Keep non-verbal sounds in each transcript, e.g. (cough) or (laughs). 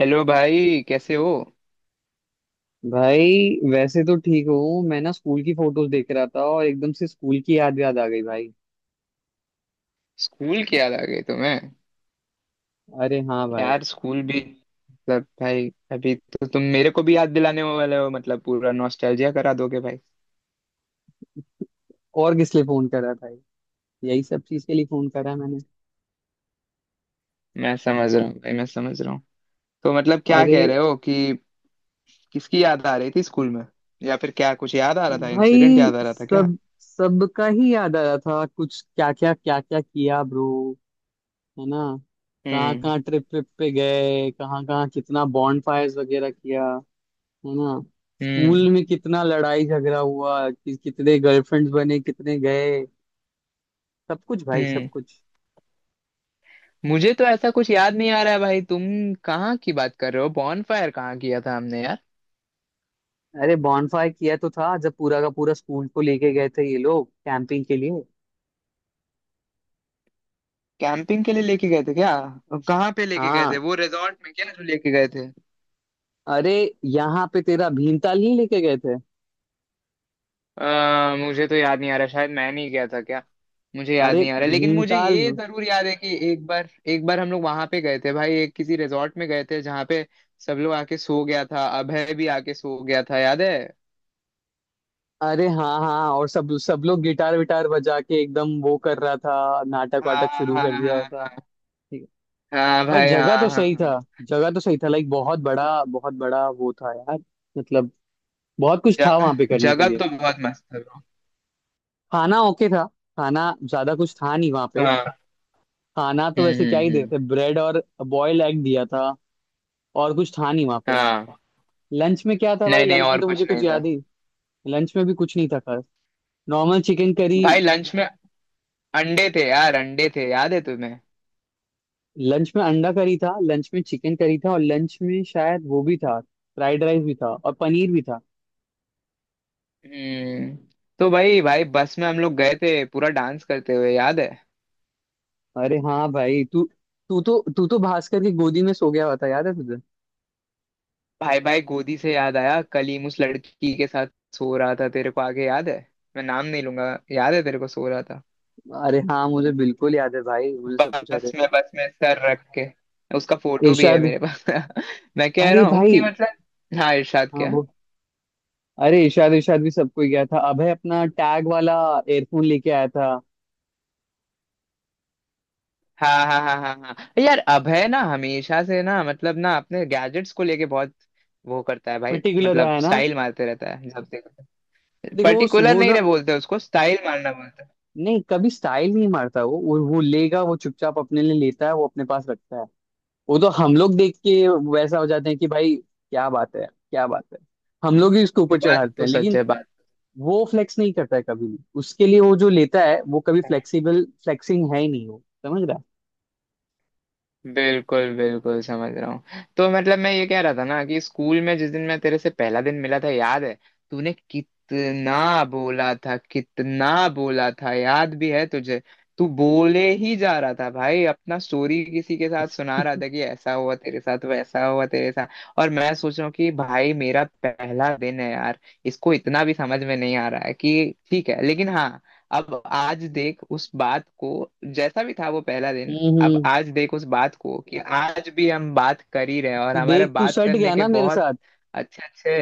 Hello भाई, कैसे हो? भाई वैसे तो ठीक हूँ। मैं ना स्कूल की फोटोज देख रहा था और एकदम से स्कूल की याद याद आ गई भाई। स्कूल की याद आ गई तुम्हें? अरे हाँ भाई। यार स्कूल भी, मतलब भाई अभी तो तुम मेरे को भी याद दिलाने वाले हो, मतलब पूरा नॉस्टैल्जिया करा दोगे भाई। और किस लिए फोन करा भाई? यही सब चीज के लिए फोन करा है मैंने। मैं समझ रहा हूँ भाई, मैं समझ रहा हूँ। तो मतलब क्या अरे कह रहे हो कि। किसकी याद आ रही थी स्कूल में? या फिर क्या कुछ याद आ रहा था, इंसिडेंट भाई, याद आ रहा था क्या? सब सबका ही याद आ रहा था, कुछ क्या क्या क्या क्या किया ब्रो, है ना। कहाँ हम्म, कहाँ ट्रिप ट्रिप पे गए, कहाँ कहाँ कितना बॉन्ड फायर्स वगैरह किया, है ना। हम्म, स्कूल में कितना लड़ाई झगड़ा हुआ कि, कितने गर्लफ्रेंड्स बने कितने गए। सब कुछ भाई, सब हम्म। कुछ। मुझे तो ऐसा कुछ याद नहीं आ रहा है भाई, तुम कहाँ की बात कर रहे हो? बॉनफायर कहाँ किया था हमने यार? अरे बॉनफायर किया तो था जब पूरा का पूरा स्कूल को लेके गए थे ये लोग कैंपिंग के लिए। कैंपिंग के लिए लेके गए थे क्या? कहाँ पे लेके गए थे? हाँ, वो रिजॉर्ट में क्या जो लेके गए थे? अरे यहाँ पे तेरा भीमताल नहीं लेके गए थे? मुझे तो याद नहीं आ रहा, शायद मैं नहीं गया था क्या? मुझे याद अरे नहीं आ रहा, लेकिन मुझे भीमताल। ये जरूर याद है कि एक बार, एक बार हम लोग वहां पे गए थे भाई, एक किसी रिजॉर्ट में गए थे जहाँ पे सब लोग आके सो गया था, अभय भी आके सो गया था, याद है? अरे हाँ हाँ, और सब सब लोग गिटार विटार बजा के एकदम वो कर रहा था, नाटक हाँ, वाटक शुरू हाँ, कर दिया हाँ, हुआ था। ठीक है। हाँ भाई भाई, हाँ, जगह हाँ, तो सही हाँ। था। जगह तो सही था, लाइक बहुत बड़ा वो था यार। मतलब बहुत कुछ था जगह वहां पे करने के जगह लिए। तो बहुत मस्त है bro। खाना ओके था। खाना ज्यादा कुछ था नहीं वहां पे। हाँ। खाना तो हम्म, वैसे क्या हम्म, ही हम्म। देते, ब्रेड और बॉयल एग दिया था। और कुछ था नहीं वहां पे। हाँ। लंच में क्या था भाई, नहीं, नहीं, लंच में और तो कुछ मुझे कुछ नहीं था। याद ही। लंच में भी कुछ नहीं था खास, नॉर्मल चिकन करी। भाई लंच में अंडे थे यार, अंडे थे, याद है तुम्हें? लंच में अंडा करी था, लंच में चिकन करी था, और लंच में शायद वो भी था। फ्राइड राइस भी था और पनीर भी था। हम्म। तो भाई, भाई बस में हम लोग गए थे पूरा डांस करते हुए, याद है? अरे हाँ भाई, तू तू तो भास्कर की गोदी में सो गया हुआ था, याद है तुझे? भाई, भाई गोदी से याद आया, कलीम उस लड़की के साथ सो रहा था, तेरे को आगे याद है? मैं नाम नहीं लूंगा। याद है तेरे को? सो रहा था। अरे हाँ, मुझे बिल्कुल याद है भाई, मुझे सब कुछ याद बस है। में, बस में सर रख के उसका फोटो भी है इरशाद। मेरे पास। (laughs) मैं कह अरे रहा हूँ भाई, कि मतलब हाँ, इरशाद हाँ। क्या? अरे इशाद इशाद भी सबको ही गया था। अभय अपना टैग वाला एयरफोन लेके आया था। हाँ, हाँ, हाँ, हाँ, हाँ। यार अभय ना हमेशा से ना, मतलब ना अपने गैजेट्स को लेके बहुत वो करता है भाई, पर्टिकुलर रहा मतलब है ना। स्टाइल मारते रहता है जब देखो। देखो वो पर्टिकुलर वो नहीं ना, रहे बोलते, उसको स्टाइल मारना बोलते नहीं कभी स्टाइल नहीं मारता वो, वो लेगा, वो चुपचाप अपने लिए लेता है, वो अपने पास रखता है। वो तो हम लोग देख के वैसा हो जाते हैं कि भाई क्या बात है क्या बात है। हम लोग ही उसके हैं। ऊपर बात चढ़ाते तो हैं, सच लेकिन है बात। वो फ्लेक्स नहीं करता है कभी भी। उसके लिए वो जो लेता है, वो कभी फ्लेक्सिबल फ्लेक्सिंग है ही नहीं वो, समझ रहा है? बिल्कुल, बिल्कुल समझ रहा हूँ। तो मतलब मैं ये कह रहा था ना, कि स्कूल में जिस दिन मैं तेरे से पहला दिन मिला था, याद है? तूने कितना बोला था, कितना बोला था, याद भी है तुझे? तू बोले ही जा रहा था भाई, अपना स्टोरी किसी के साथ सुना रहा था कि ऐसा हुआ तेरे साथ, वैसा हुआ तेरे साथ। और मैं सोच रहा हूँ कि भाई मेरा पहला दिन है यार, इसको इतना भी समझ में नहीं आ रहा है, कि ठीक है लेकिन हाँ, अब आज देख उस बात को, जैसा भी था वो पहला दिन। हम्म, अब हम्म। आज देख उस बात को कि आज भी हम बात कर ही रहे हैं, और तू हमारे देख, तू बात सट करने गया के ना मेरे बहुत साथ। अच्छे अच्छे।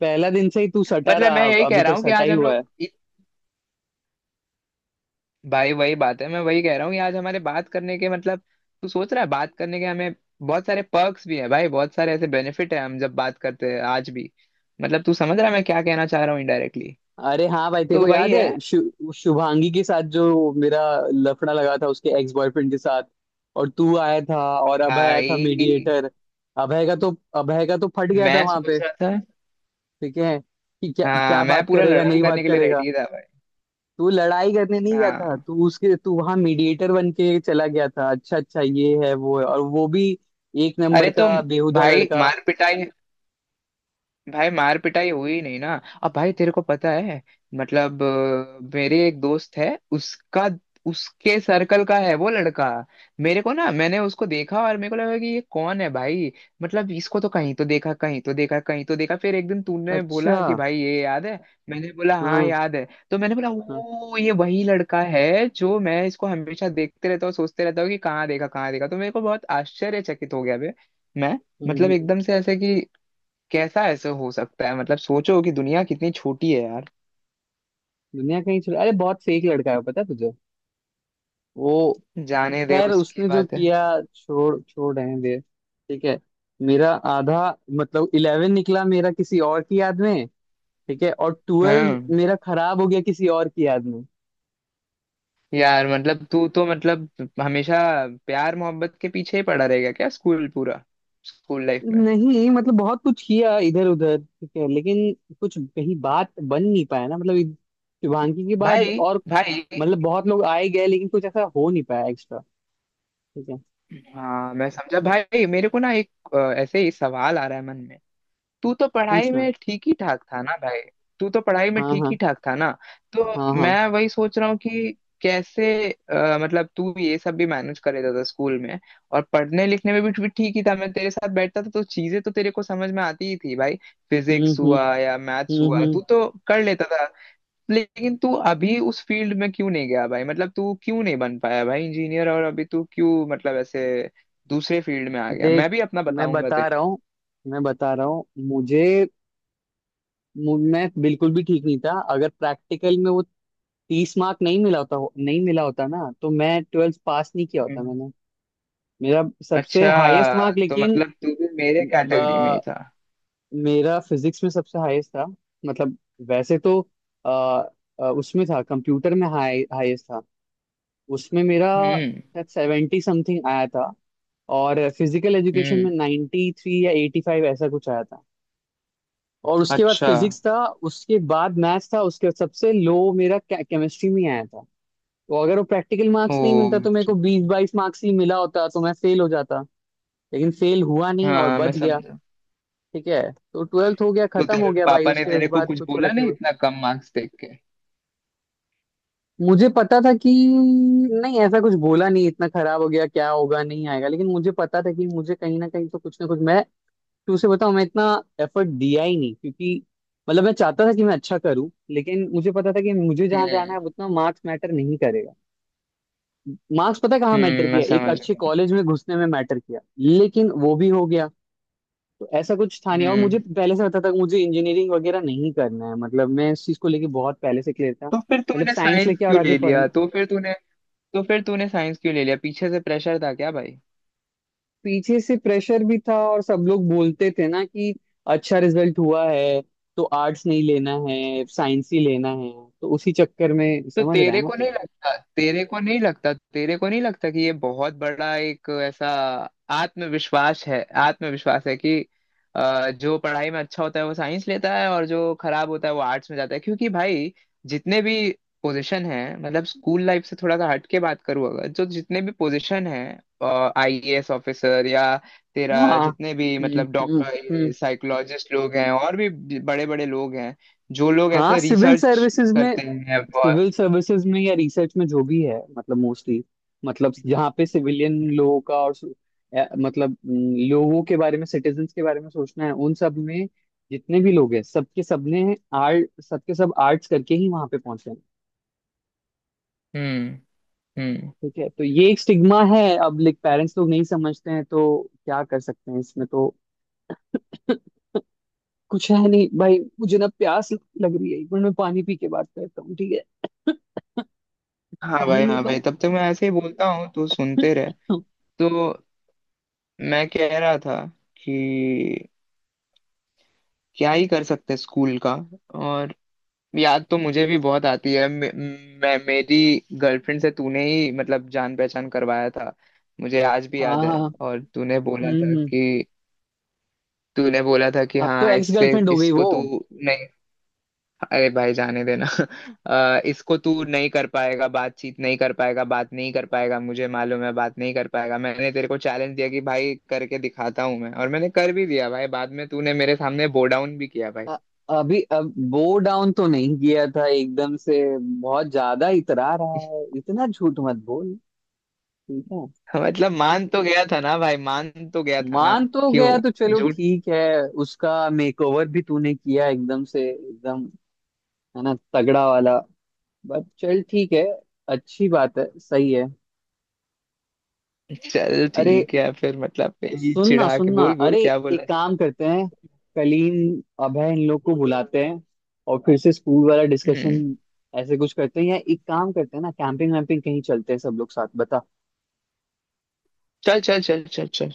पहला दिन से ही तू सटा मतलब मैं रहा, यही कह अभी रहा तक हूँ कि सटा आज ही हम हुआ लोग है। भाई वही बात है, मैं वही कह रहा हूँ कि आज हमारे बात करने के मतलब, तू सोच रहा है बात करने के, हमें बहुत सारे पर्क्स भी है भाई, बहुत सारे ऐसे बेनिफिट है, हम जब बात करते हैं आज भी। मतलब तू समझ रहा है मैं क्या कहना चाह रहा हूँ इनडायरेक्टली? अरे हाँ भाई, तेरे तो को वही याद है है शुभांगी के साथ जो मेरा लफड़ा लगा था उसके एक्स बॉयफ्रेंड के साथ। और तू आया था और अभय आया था भाई। मीडिएटर। अभय का तो फट गया था मैं वहां पे। सोच रहा था। ठीक है कि क्या हाँ, क्या मैं बात पूरा करेगा लड़ाई नहीं करने बात के लिए करेगा। रेडी था भाई। तू लड़ाई करने नहीं गया था, हाँ, तू उसके तू वहां मीडिएटर बन के चला गया था, अच्छा अच्छा, ये है वो है और वो भी एक नंबर अरे का तुम, बेहुदा भाई लड़का। मार पिटाई, भाई मार पिटाई हुई नहीं ना? अब भाई तेरे को पता है, मतलब मेरे एक दोस्त है, उसका उसके सर्कल का है वो लड़का। मेरे को ना, मैंने उसको देखा और मेरे को लगा कि ये कौन है भाई, मतलब इसको तो कहीं तो देखा, कहीं तो देखा, कहीं तो देखा, फिर एक दिन तूने अच्छा बोला कि हाँ। भाई ये, याद है? मैंने बोला हाँ, हाँ। याद है। तो मैंने बोला ओ, ये वही लड़का है, जो मैं इसको हमेशा देखते रहता हूँ, सोचते रहता हूँ कि कहाँ देखा, कहाँ देखा, तो मेरे को बहुत आश्चर्यचकित हो गया बे। मैं, हम्म, मतलब हम्म। एकदम से ऐसे कि कैसा ऐसे हो सकता है, मतलब सोचो कि दुनिया कितनी छोटी है यार। दुनिया कहीं चला, अरे बहुत फेक लड़का है, पता है तुझे वो। जाने दे, खैर उसकी उसने जो बात है। किया, छोड़ छोड़ रहने दे, ठीक है। मेरा आधा, मतलब 11 निकला मेरा किसी और की याद में। ठीक है, और 12 हाँ मेरा खराब हो गया किसी और की याद में। यार, मतलब तू तो, मतलब हमेशा प्यार मोहब्बत के पीछे ही पड़ा रहेगा क्या, स्कूल पूरा स्कूल लाइफ में नहीं मतलब बहुत कुछ किया इधर उधर ठीक है, लेकिन कुछ कहीं बात बन नहीं पाया ना। मतलब शुभांगी के बाद भाई, और, भाई? मतलब बहुत लोग आए गए लेकिन कुछ ऐसा हो नहीं पाया एक्स्ट्रा, ठीक है। हाँ मैं समझा भाई, मेरे को ना एक ऐसे ही सवाल आ रहा है मन में। तू तो पढ़ाई पूछना। में ठीक ही ठाक था ना भाई? तू तो पढ़ाई में हाँ ठीक ही हाँ। ठाक था ना? तो हाँ हाँ। मैं वही सोच रहा हूँ कि कैसे मतलब तू ये सब भी मैनेज कर लेता था स्कूल में, और पढ़ने लिखने में भी ठीक ही था, मैं तेरे साथ बैठता था तो चीजें तो तेरे को समझ में आती ही थी भाई। फिजिक्स हम्म। हुआ या मैथ्स हम्म हुआ, हम्म। तू तो कर लेता था। लेकिन तू अभी उस फील्ड में क्यों नहीं गया भाई? मतलब तू क्यों नहीं बन पाया भाई इंजीनियर? और अभी तू क्यों, मतलब ऐसे दूसरे फील्ड में आ गया? देख, मैं भी अपना मैं बताऊंगा। बता रहा हूँ, मैं बता रहा हूँ मुझे मैं बिल्कुल भी ठीक नहीं था। अगर प्रैक्टिकल में वो 30 मार्क नहीं मिला होता नहीं मिला होता ना, तो मैं 12th पास नहीं किया होता तेरे मैंने। मेरा सबसे हाईएस्ट अच्छा, मार्क, तो लेकिन मतलब तू भी मेरे कैटेगरी में ही ब- था। मेरा फिजिक्स में सबसे हाईएस्ट था। मतलब वैसे तो अ, उसमें था, कंप्यूटर में हाईएस्ट था। उसमें मेरा हम्म, शायद 70 समथिंग आया था। और फिजिकल एजुकेशन में हम्म। 93 या 85 ऐसा कुछ आया था। और उसके बाद अच्छा। फिजिक्स था, उसके बाद मैथ्स था, उसके बाद सबसे लो मेरा केमिस्ट्री में आया था। तो अगर वो प्रैक्टिकल ओ, मार्क्स नहीं मिलता तो मेरे अच्छा। को 20-22 मार्क्स ही मिला होता, तो मैं फेल हो जाता। लेकिन फेल हुआ नहीं और हाँ मैं बच गया। समझा। ठीक है, तो 12th हो गया, तो खत्म तेरे हो गया भाई, पापा ने उसके तेरे को बाद कुछ कुछ बोला फर्क नहीं नहीं पड़ा। इतना कम मार्क्स देख के? मुझे पता था कि, नहीं ऐसा कुछ बोला नहीं इतना खराब हो गया क्या होगा नहीं आएगा, लेकिन मुझे पता था कि मुझे कहीं ना कहीं तो कुछ ना कुछ मैं, तो उसे बताओ, मैं इतना एफर्ट दिया ही नहीं क्योंकि, मतलब मैं चाहता था कि मैं अच्छा करूं, लेकिन मुझे पता था कि मुझे जहां जाना हम्म, है उतना मार्क्स मैटर नहीं करेगा। मार्क्स पता है कहाँ मैटर हम्म। मैं किया, एक समझ अच्छे गया। कॉलेज में घुसने में मैटर किया, लेकिन वो भी हो गया। तो ऐसा कुछ था नहीं। और हम्म। मुझे पहले से पता था कि मुझे इंजीनियरिंग वगैरह नहीं करना है, मतलब मैं इस चीज को लेके बहुत पहले से क्लियर था, तो फिर मतलब तूने साइंस साइंस लेके और क्यों आगे ले पढ़। लिया? तो फिर तूने साइंस क्यों ले लिया, पीछे से प्रेशर था क्या भाई? पीछे से प्रेशर भी था, और सब लोग बोलते थे ना कि अच्छा रिजल्ट हुआ है तो आर्ट्स नहीं लेना है, साइंस ही लेना है। तो उसी चक्कर में, तो समझ रहा है ना तू। तेरे को नहीं लगता कि ये बहुत बड़ा एक ऐसा आत्मविश्वास है, आत्मविश्वास है कि जो पढ़ाई में अच्छा होता है वो साइंस लेता है, और जो खराब होता है वो आर्ट्स में जाता है, क्योंकि भाई जितने भी पोजीशन है, मतलब स्कूल लाइफ से थोड़ा सा हट के बात करूँ अगर, जो जितने भी पोजीशन है, आईएएस ऑफिसर या तेरा हाँ। जितने भी, मतलब हम्म। हम्म। डॉक्टर, साइकोलॉजिस्ट लोग हैं, और भी बड़े बड़े लोग हैं, जो लोग हाँ ऐसे सिविल रिसर्च सर्विसेज में, करते हैं। सिविल सर्विसेज में या रिसर्च में जो भी है, मतलब मोस्टली, मतलब जहाँ पे सिविलियन लोगों का और मतलब लोगों के बारे में, सिटीजन्स के बारे में सोचना है, उन सब में जितने भी लोग हैं, सबके सबने आर्ट सबके सब आर्ट्स करके ही वहां पे पहुंचे हैं। हम्म, हम्म। ठीक है तो ये एक स्टिग्मा है। अब लाइक पेरेंट्स लोग नहीं समझते हैं तो क्या कर सकते हैं इसमें तो (laughs) कुछ है नहीं भाई। मुझे ना प्यास लग रही है, 1 मिनट मैं पानी पी के बात करता हूँ, ठीक है। (laughs) हाँ पानी भाई, हाँ लेता भाई, हूँ। तब तक मैं ऐसे ही बोलता हूँ तो सुनते रहे। (laughs) तो मैं कह रहा था कि क्या ही कर सकते हैं स्कूल का, और याद तो मुझे भी बहुत आती है, मे, मैं मेरी गर्लफ्रेंड से तूने ही मतलब जान पहचान करवाया था, मुझे आज भी हाँ याद हाँ। है, और तूने बोला था हम्म हम्म। कि, तूने बोला था कि अब तो हाँ एक्स इससे, गर्लफ्रेंड हो गई इसको वो। तू नहीं, अरे भाई जाने देना। (laughs) इसको तू नहीं कर पाएगा, बातचीत नहीं कर पाएगा, बात नहीं कर पाएगा, मुझे मालूम है बात नहीं कर पाएगा। मैंने तेरे को चैलेंज दिया कि भाई करके दिखाता हूँ मैं, और मैंने कर भी दिया भाई, बाद में तूने मेरे सामने बो डाउन भी किया भाई। अ- अभी अब वो डाउन तो नहीं किया था एकदम से। बहुत ज्यादा इतरा रहा है, इतना झूठ मत बोल, ठीक है। (laughs) मतलब मान तो गया था ना भाई, मान तो गया था ना? मान तो गया तो क्यों? चलो झूठ। ठीक है। उसका मेकओवर भी तूने किया एकदम से एकदम, है ना, तगड़ा वाला। बट चल ठीक है, अच्छी बात है, सही है। चल अरे ठीक है फिर, मतलब यही सुनना चिढ़ा के, सुनना, बोल बोल अरे क्या बोला एक जाए। काम करते हैं, कलीन अभय इन लोग को बुलाते हैं, और फिर से स्कूल वाला डिस्कशन हम्म। ऐसे कुछ करते हैं। या एक काम करते हैं ना, कैंपिंग वैम्पिंग कहीं चलते हैं सब लोग साथ, बता। चल, चल, चल, चल, चल,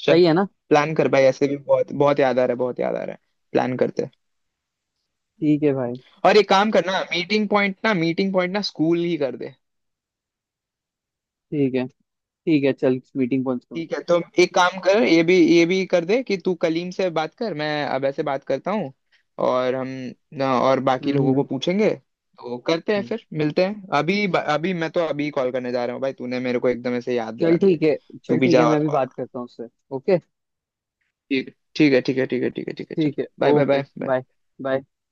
चल। सही है ना। प्लान कर भाई, ऐसे भी बहुत बहुत याद आ रहा है, बहुत याद आ रहा है। प्लान करते हैं। ठीक है भाई। और एक काम करना, मीटिंग पॉइंट ना, मीटिंग पॉइंट ना स्कूल ही कर दे। ठीक है, ठीक है, चल मीटिंग पहुंच गया। ठीक है, तो एक काम कर, ये भी कर दे कि तू कलीम से बात कर, मैं अब ऐसे बात करता हूँ और हम ना, और बाकी लोगों हम्म। को पूछेंगे तो करते हैं, हम्म। फिर मिलते हैं अभी, अभी मैं तो अभी कॉल करने जा रहा हूँ भाई, तूने मेरे को एकदम ऐसे याद चल दिला दिया। ठीक है, तू चल भी ठीक है, जा मैं और अभी कॉल। बात करता हूँ उससे। ओके, ठीक ठीक है, ठीक है, ठीक है, ठीक है, ठीक है, चल। ठीक है। Bye, bye, okay, bye, bye. Bye, bye.